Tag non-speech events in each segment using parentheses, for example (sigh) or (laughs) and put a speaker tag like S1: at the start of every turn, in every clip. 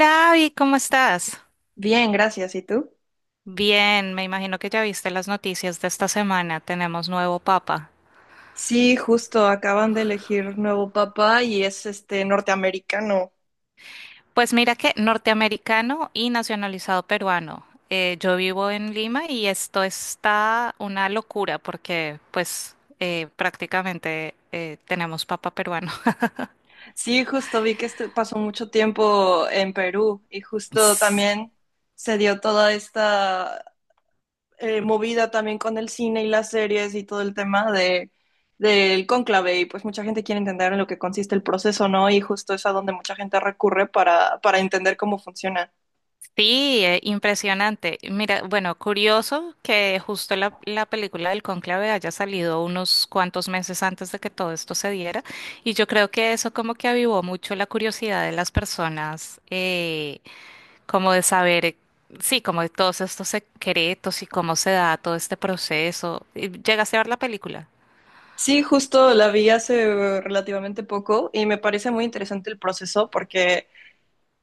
S1: Hola, Abby, ¿cómo estás?
S2: Bien, gracias. ¿Y tú?
S1: Bien, me imagino que ya viste las noticias de esta semana. Tenemos nuevo papa.
S2: Sí, justo acaban de elegir nuevo papa y es este norteamericano.
S1: Pues mira que norteamericano y nacionalizado peruano. Yo vivo en Lima y esto está una locura porque pues prácticamente tenemos papa peruano.
S2: Sí, justo vi que pasó mucho tiempo en Perú y justo
S1: (laughs)
S2: también se dio toda esta movida también con el cine y las series y todo el tema de del cónclave y pues mucha gente quiere entender en lo que consiste el proceso, ¿no? Y justo es a donde mucha gente recurre para entender cómo funciona.
S1: Sí, impresionante. Mira, bueno, curioso que justo la película del Cónclave haya salido unos cuantos meses antes de que todo esto se diera, y yo creo que eso como que avivó mucho la curiosidad de las personas, como de saber, sí, como de todos estos secretos y cómo se da todo este proceso. ¿Llegaste a ver la película?
S2: Sí, justo la vi hace relativamente poco y me parece muy interesante el proceso porque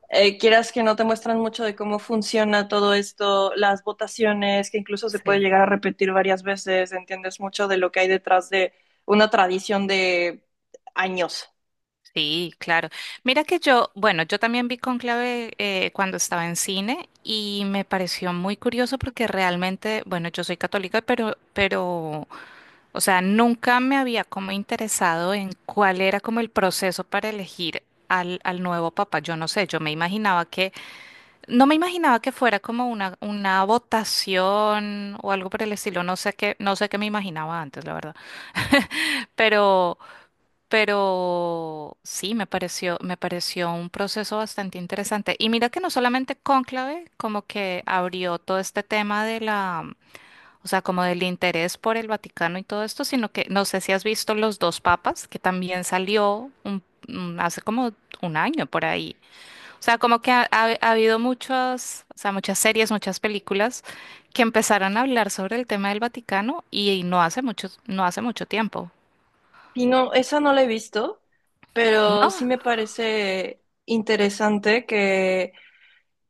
S2: quieras que no te muestran mucho de cómo funciona todo esto, las votaciones, que incluso se puede
S1: Sí.
S2: llegar a repetir varias veces, entiendes mucho de lo que hay detrás de una tradición de años.
S1: Sí, claro. Mira que yo, bueno, yo también vi Cónclave cuando estaba en cine y me pareció muy curioso porque realmente, bueno, yo soy católica, pero, o sea, nunca me había como interesado en cuál era como el proceso para elegir al nuevo papa. Yo no sé, yo me imaginaba no me imaginaba que fuera como una votación o algo por el estilo. No sé qué me imaginaba antes, la verdad. (laughs) Pero pero sí, me pareció un proceso bastante interesante. Y mira que no solamente Cónclave, como que abrió todo este tema de la, o sea, como del interés por el Vaticano y todo esto, sino que no sé si has visto Los dos papas, que también hace como un año por ahí. O sea, como que ha habido muchas, o sea, muchas series, muchas películas que empezaron a hablar sobre el tema del Vaticano y, no hace mucho tiempo.
S2: Y no, esa no la he visto, pero
S1: ¿No?
S2: sí me parece interesante que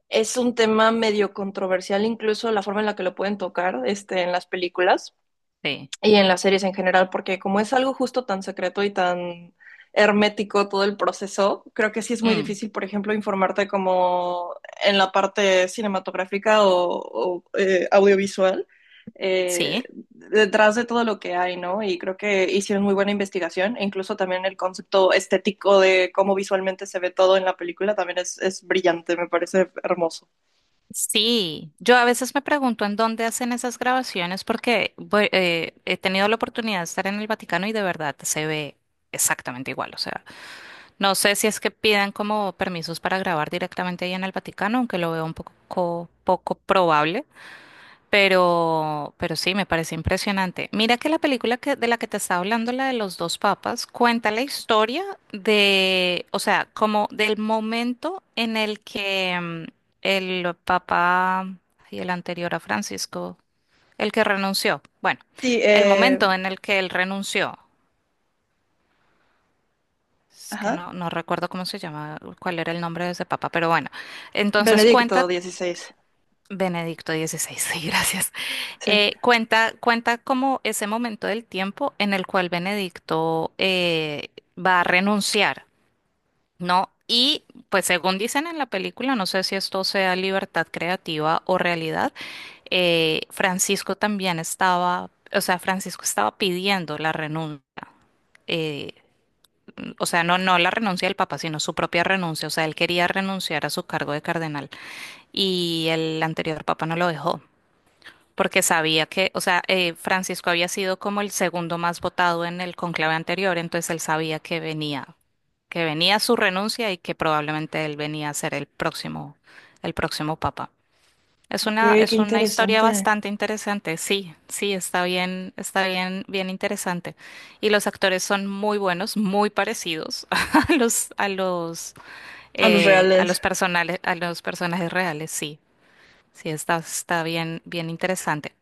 S2: es un tema medio controversial, incluso la forma en la que lo pueden tocar este, en las películas
S1: Sí.
S2: y en las series en general, porque como es algo justo tan secreto y tan hermético todo el proceso, creo que sí es muy difícil, por ejemplo, informarte como en la parte cinematográfica o audiovisual. eh,
S1: Sí,
S2: Detrás de todo lo que hay, ¿no? Y creo que hicieron muy buena investigación, e incluso también el concepto estético de cómo visualmente se ve todo en la película también es brillante, me parece hermoso.
S1: sí. Yo a veces me pregunto en dónde hacen esas grabaciones porque he tenido la oportunidad de estar en el Vaticano y de verdad se ve exactamente igual. O sea, no sé si es que pidan como permisos para grabar directamente ahí en el Vaticano, aunque lo veo un poco, poco probable, pero sí, me parece impresionante. Mira que la película de la que te estaba hablando, la de los dos papas, cuenta la historia de, o sea, como del momento en el que el papa y el anterior a Francisco, el que renunció. Bueno,
S2: Sí,
S1: el momento en el que él renunció. Es que
S2: ajá.
S1: no, no recuerdo cómo se llama, cuál era el nombre de ese papa, pero bueno. Entonces
S2: Benedicto
S1: cuenta
S2: XVI.
S1: Benedicto XVI, (laughs) sí, gracias.
S2: Sí.
S1: Cuenta como ese momento del tiempo en el cual Benedicto va a renunciar, ¿no? Y pues según dicen en la película, no sé si esto sea libertad creativa o realidad, Francisco también estaba, o sea, Francisco estaba pidiendo la renuncia. eh, o sea, no la renuncia del Papa, sino su propia renuncia. O sea, él quería renunciar a su cargo de cardenal y el anterior Papa no lo dejó porque sabía que, o sea, Francisco había sido como el segundo más votado en el conclave anterior, entonces él sabía que venía su renuncia y que probablemente él venía a ser el próximo papa.
S2: Ok, qué
S1: Es una historia
S2: interesante.
S1: bastante interesante, sí, sí, está bien, bien interesante. Y los actores son muy buenos, muy parecidos (laughs) a a los,
S2: A los reales.
S1: a los personajes reales, sí, sí, está, está bien, bien interesante.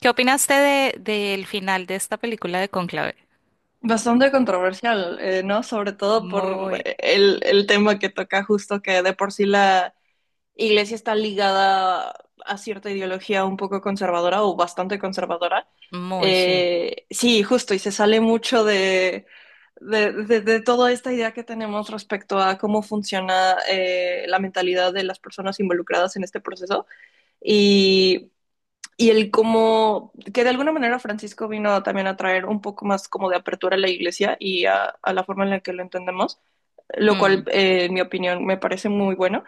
S1: ¿Qué opinaste de, del final de esta película de Conclave?
S2: Bastante controversial, ¿no? Sobre todo por
S1: Muy,
S2: el tema que toca justo que de por sí la iglesia está ligada a cierta ideología un poco conservadora o bastante conservadora.
S1: muy, sí.
S2: Sí, justo, y se sale mucho de toda esta idea que tenemos respecto a cómo funciona la mentalidad de las personas involucradas en este proceso. Y y el como que de alguna manera Francisco vino también a traer un poco más como de apertura a la iglesia y a la forma en la que lo entendemos, lo cual
S1: Mm.
S2: en mi opinión me parece muy bueno.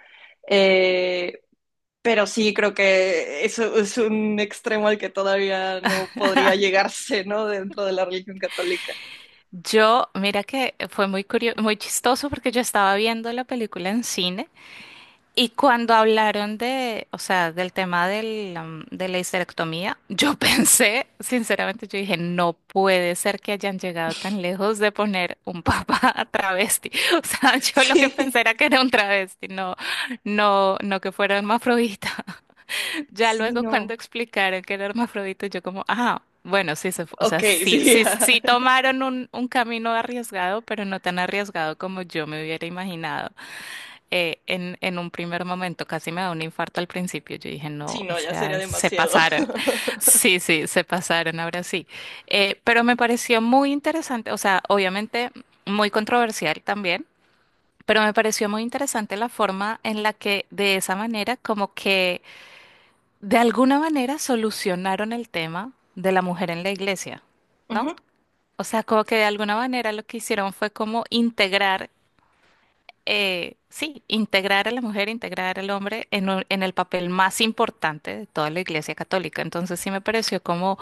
S2: Eh, pero sí creo que eso es un extremo al que todavía no podría llegarse, ¿no? Dentro de la religión católica.
S1: Yo, mira que fue muy curioso, muy chistoso porque yo estaba viendo la película en cine y cuando hablaron de, o sea, del tema de la histerectomía, yo (laughs) pensé, sinceramente, yo dije, no puede ser que hayan llegado tan lejos de poner un papá (laughs) travesti. O sea, (laughs)
S2: (laughs)
S1: yo lo que
S2: Sí,
S1: pensé era que era un travesti, no, no que fuera hermafrodita. Ya
S2: sí,
S1: luego cuando
S2: no.
S1: explicaron que era hermafrodita, yo como, ah, bueno, sí, o sea,
S2: Ok,
S1: sí,
S2: sí,
S1: sí, sí
S2: (laughs)
S1: tomaron un camino arriesgado, pero no tan arriesgado como yo me hubiera imaginado. En un primer momento casi me da un infarto al principio. Yo dije, no,
S2: sí,
S1: o
S2: no, ya sería
S1: sea, se
S2: demasiado.
S1: pasaron. (laughs) Sí, sí, se pasaron, ahora sí. Pero me pareció muy interesante, o sea, obviamente muy controversial también. Pero me pareció muy interesante la forma en la que de esa manera como que de alguna manera solucionaron el tema de la mujer en la iglesia,
S2: Uh
S1: ¿no?
S2: -huh.
S1: O sea, como que de alguna manera lo que hicieron fue como integrar sí, integrar a la mujer, integrar al hombre en, en el papel más importante de toda la Iglesia Católica. Entonces sí me pareció como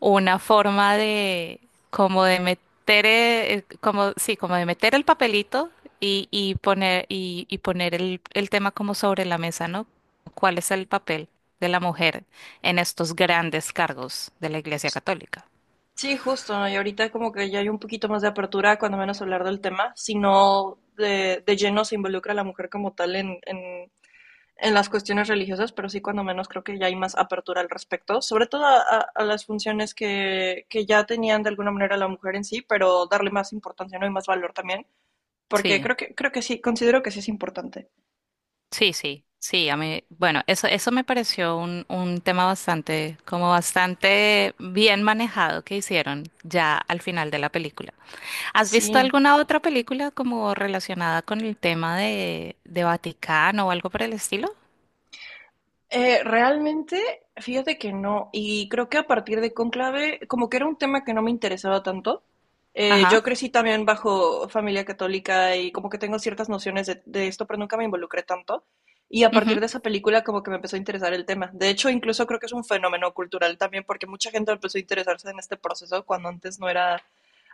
S1: una forma de, como de meter, sí, como de meter el papelito y poner el tema como sobre la mesa, ¿no? ¿Cuál es el papel de la mujer en estos grandes cargos de la Iglesia Católica?
S2: Sí, justo, ¿no? Y ahorita como que ya hay un poquito más de apertura, cuando menos hablar del tema, sino de lleno se involucra la mujer como tal en las cuestiones religiosas, pero sí cuando menos creo que ya hay más apertura al respecto, sobre todo a, a las funciones que ya tenían de alguna manera la mujer en sí, pero darle más importancia, ¿no? Y más valor también, porque
S1: Sí.
S2: creo que sí, considero que sí es importante.
S1: Sí, sí, sí, a mí, bueno, eso me pareció un tema bastante, como bastante bien manejado que hicieron ya al final de la película. ¿Has visto
S2: Sí.
S1: alguna otra película como relacionada con el tema de Vaticano o algo por el estilo?
S2: Realmente, fíjate que no. Y creo que a partir de Cónclave, como que era un tema que no me interesaba tanto.
S1: Ajá.
S2: Yo crecí también bajo familia católica y como que tengo ciertas nociones de esto, pero nunca me involucré tanto. Y a partir
S1: Ujú,
S2: de esa película como que me empezó a interesar el tema. De hecho, incluso creo que es un fenómeno cultural también, porque mucha gente empezó a interesarse en este proceso cuando antes no era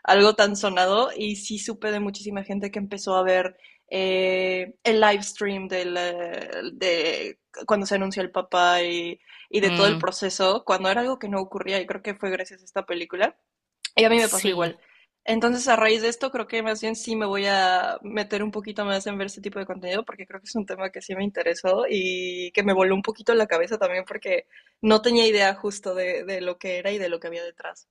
S2: algo tan sonado. Y sí supe de muchísima gente que empezó a ver el live stream del, de cuando se anunció el papá y de todo el
S1: mm,
S2: proceso, cuando era algo que no ocurría y creo que fue gracias a esta película. Y a mí me pasó
S1: sí.
S2: igual. Entonces, a raíz de esto, creo que más bien sí me voy a meter un poquito más en ver este tipo de contenido, porque creo que es un tema que sí me interesó y que me voló un poquito la cabeza también, porque no tenía idea justo de lo que era y de lo que había detrás.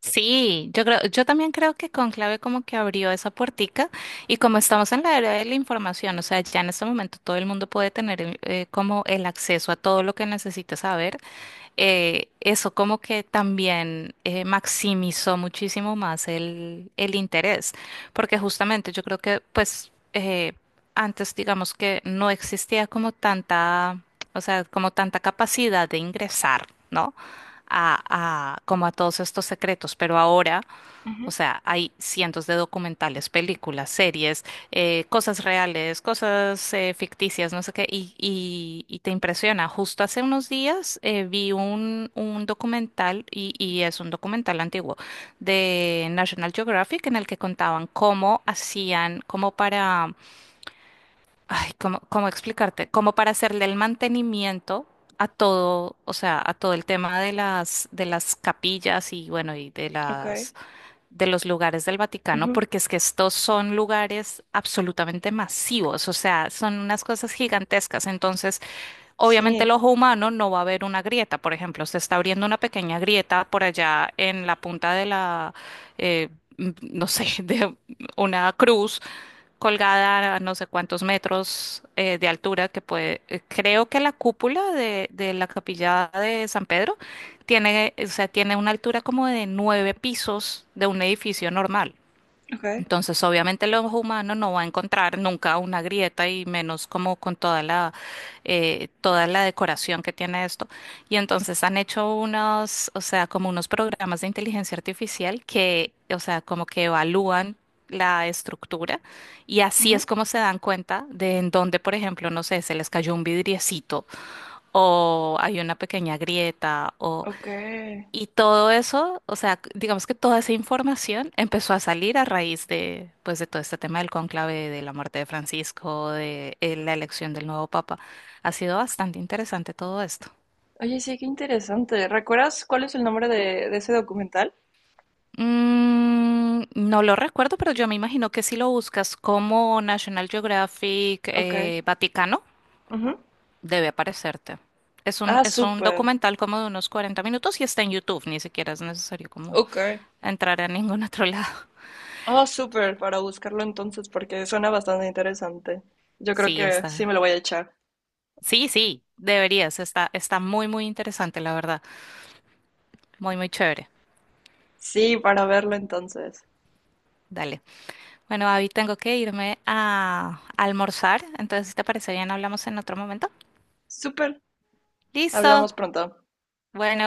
S1: Sí, yo creo, yo también creo que Conclave como que abrió esa puertica y como estamos en la era de la información, o sea, ya en este momento todo el mundo puede tener como el acceso a todo lo que necesita saber, eso como que también maximizó muchísimo más el interés, porque justamente yo creo que pues antes digamos que no existía como tanta, o sea, como tanta capacidad de ingresar, ¿no? Como a todos estos secretos, pero ahora, o
S2: Ujú.
S1: sea, hay cientos de documentales, películas, series, cosas reales, cosas ficticias, no sé qué, y te impresiona. Justo hace unos días un documental, y es un documental antiguo, de National Geographic, en el que contaban cómo hacían, como para Ay, ¿cómo, cómo explicarte? Como para hacerle el mantenimiento a todo, o sea, a todo el tema de de las capillas y bueno,
S2: Ok,
S1: de los lugares del Vaticano,
S2: ujú.
S1: porque es que estos son lugares absolutamente masivos, o sea, son unas cosas gigantescas. Entonces, obviamente el
S2: Sí,
S1: ojo humano no va a ver una grieta, por ejemplo, se está abriendo una pequeña grieta por allá en la punta de la, eh, no sé, (laughs) de una cruz colgada a no sé cuántos metros de altura que puede, creo que la cúpula de la capilla de San Pedro tiene, o sea, tiene una altura como de nueve pisos de un edificio normal.
S2: ok,
S1: Entonces, obviamente los humanos no va a encontrar nunca una grieta y menos como con toda la decoración que tiene esto. Y entonces han hecho unos, o sea, como unos programas de inteligencia artificial que, o sea, como que evalúan la estructura y así es
S2: ujú,
S1: como se dan cuenta de en dónde, por ejemplo, no sé, se les cayó un vidriecito o hay una pequeña grieta o...
S2: ok.
S1: Y todo eso, o sea, digamos que toda esa información empezó a salir a raíz de, pues, de todo este tema del cónclave, de la muerte de Francisco, de la elección del nuevo papa. Ha sido bastante interesante todo esto.
S2: Oye, sí, qué interesante. ¿Recuerdas cuál es el nombre de ese documental?
S1: Mm, no lo recuerdo, pero yo me imagino que si lo buscas como National Geographic
S2: Ok.
S1: Vaticano,
S2: Ujú.
S1: debe aparecerte.
S2: Ah,
S1: Es un
S2: súper.
S1: documental como de unos 40 minutos y está en YouTube, ni siquiera es necesario como
S2: Ok.
S1: entrar a ningún (laughs) otro lado.
S2: Ah, súper, para buscarlo entonces, porque suena bastante interesante. Yo creo
S1: Sí,
S2: que sí
S1: está,
S2: me lo voy a echar.
S1: sí, sí, deberías. Está, está muy, muy interesante, la verdad. Muy, muy chévere.
S2: Sí, para verlo entonces.
S1: Dale. Bueno, Abby, tengo que irme a almorzar. Entonces, si te parece bien, hablamos en otro momento.
S2: Súper.
S1: Listo.
S2: Hablamos pronto.
S1: Bueno.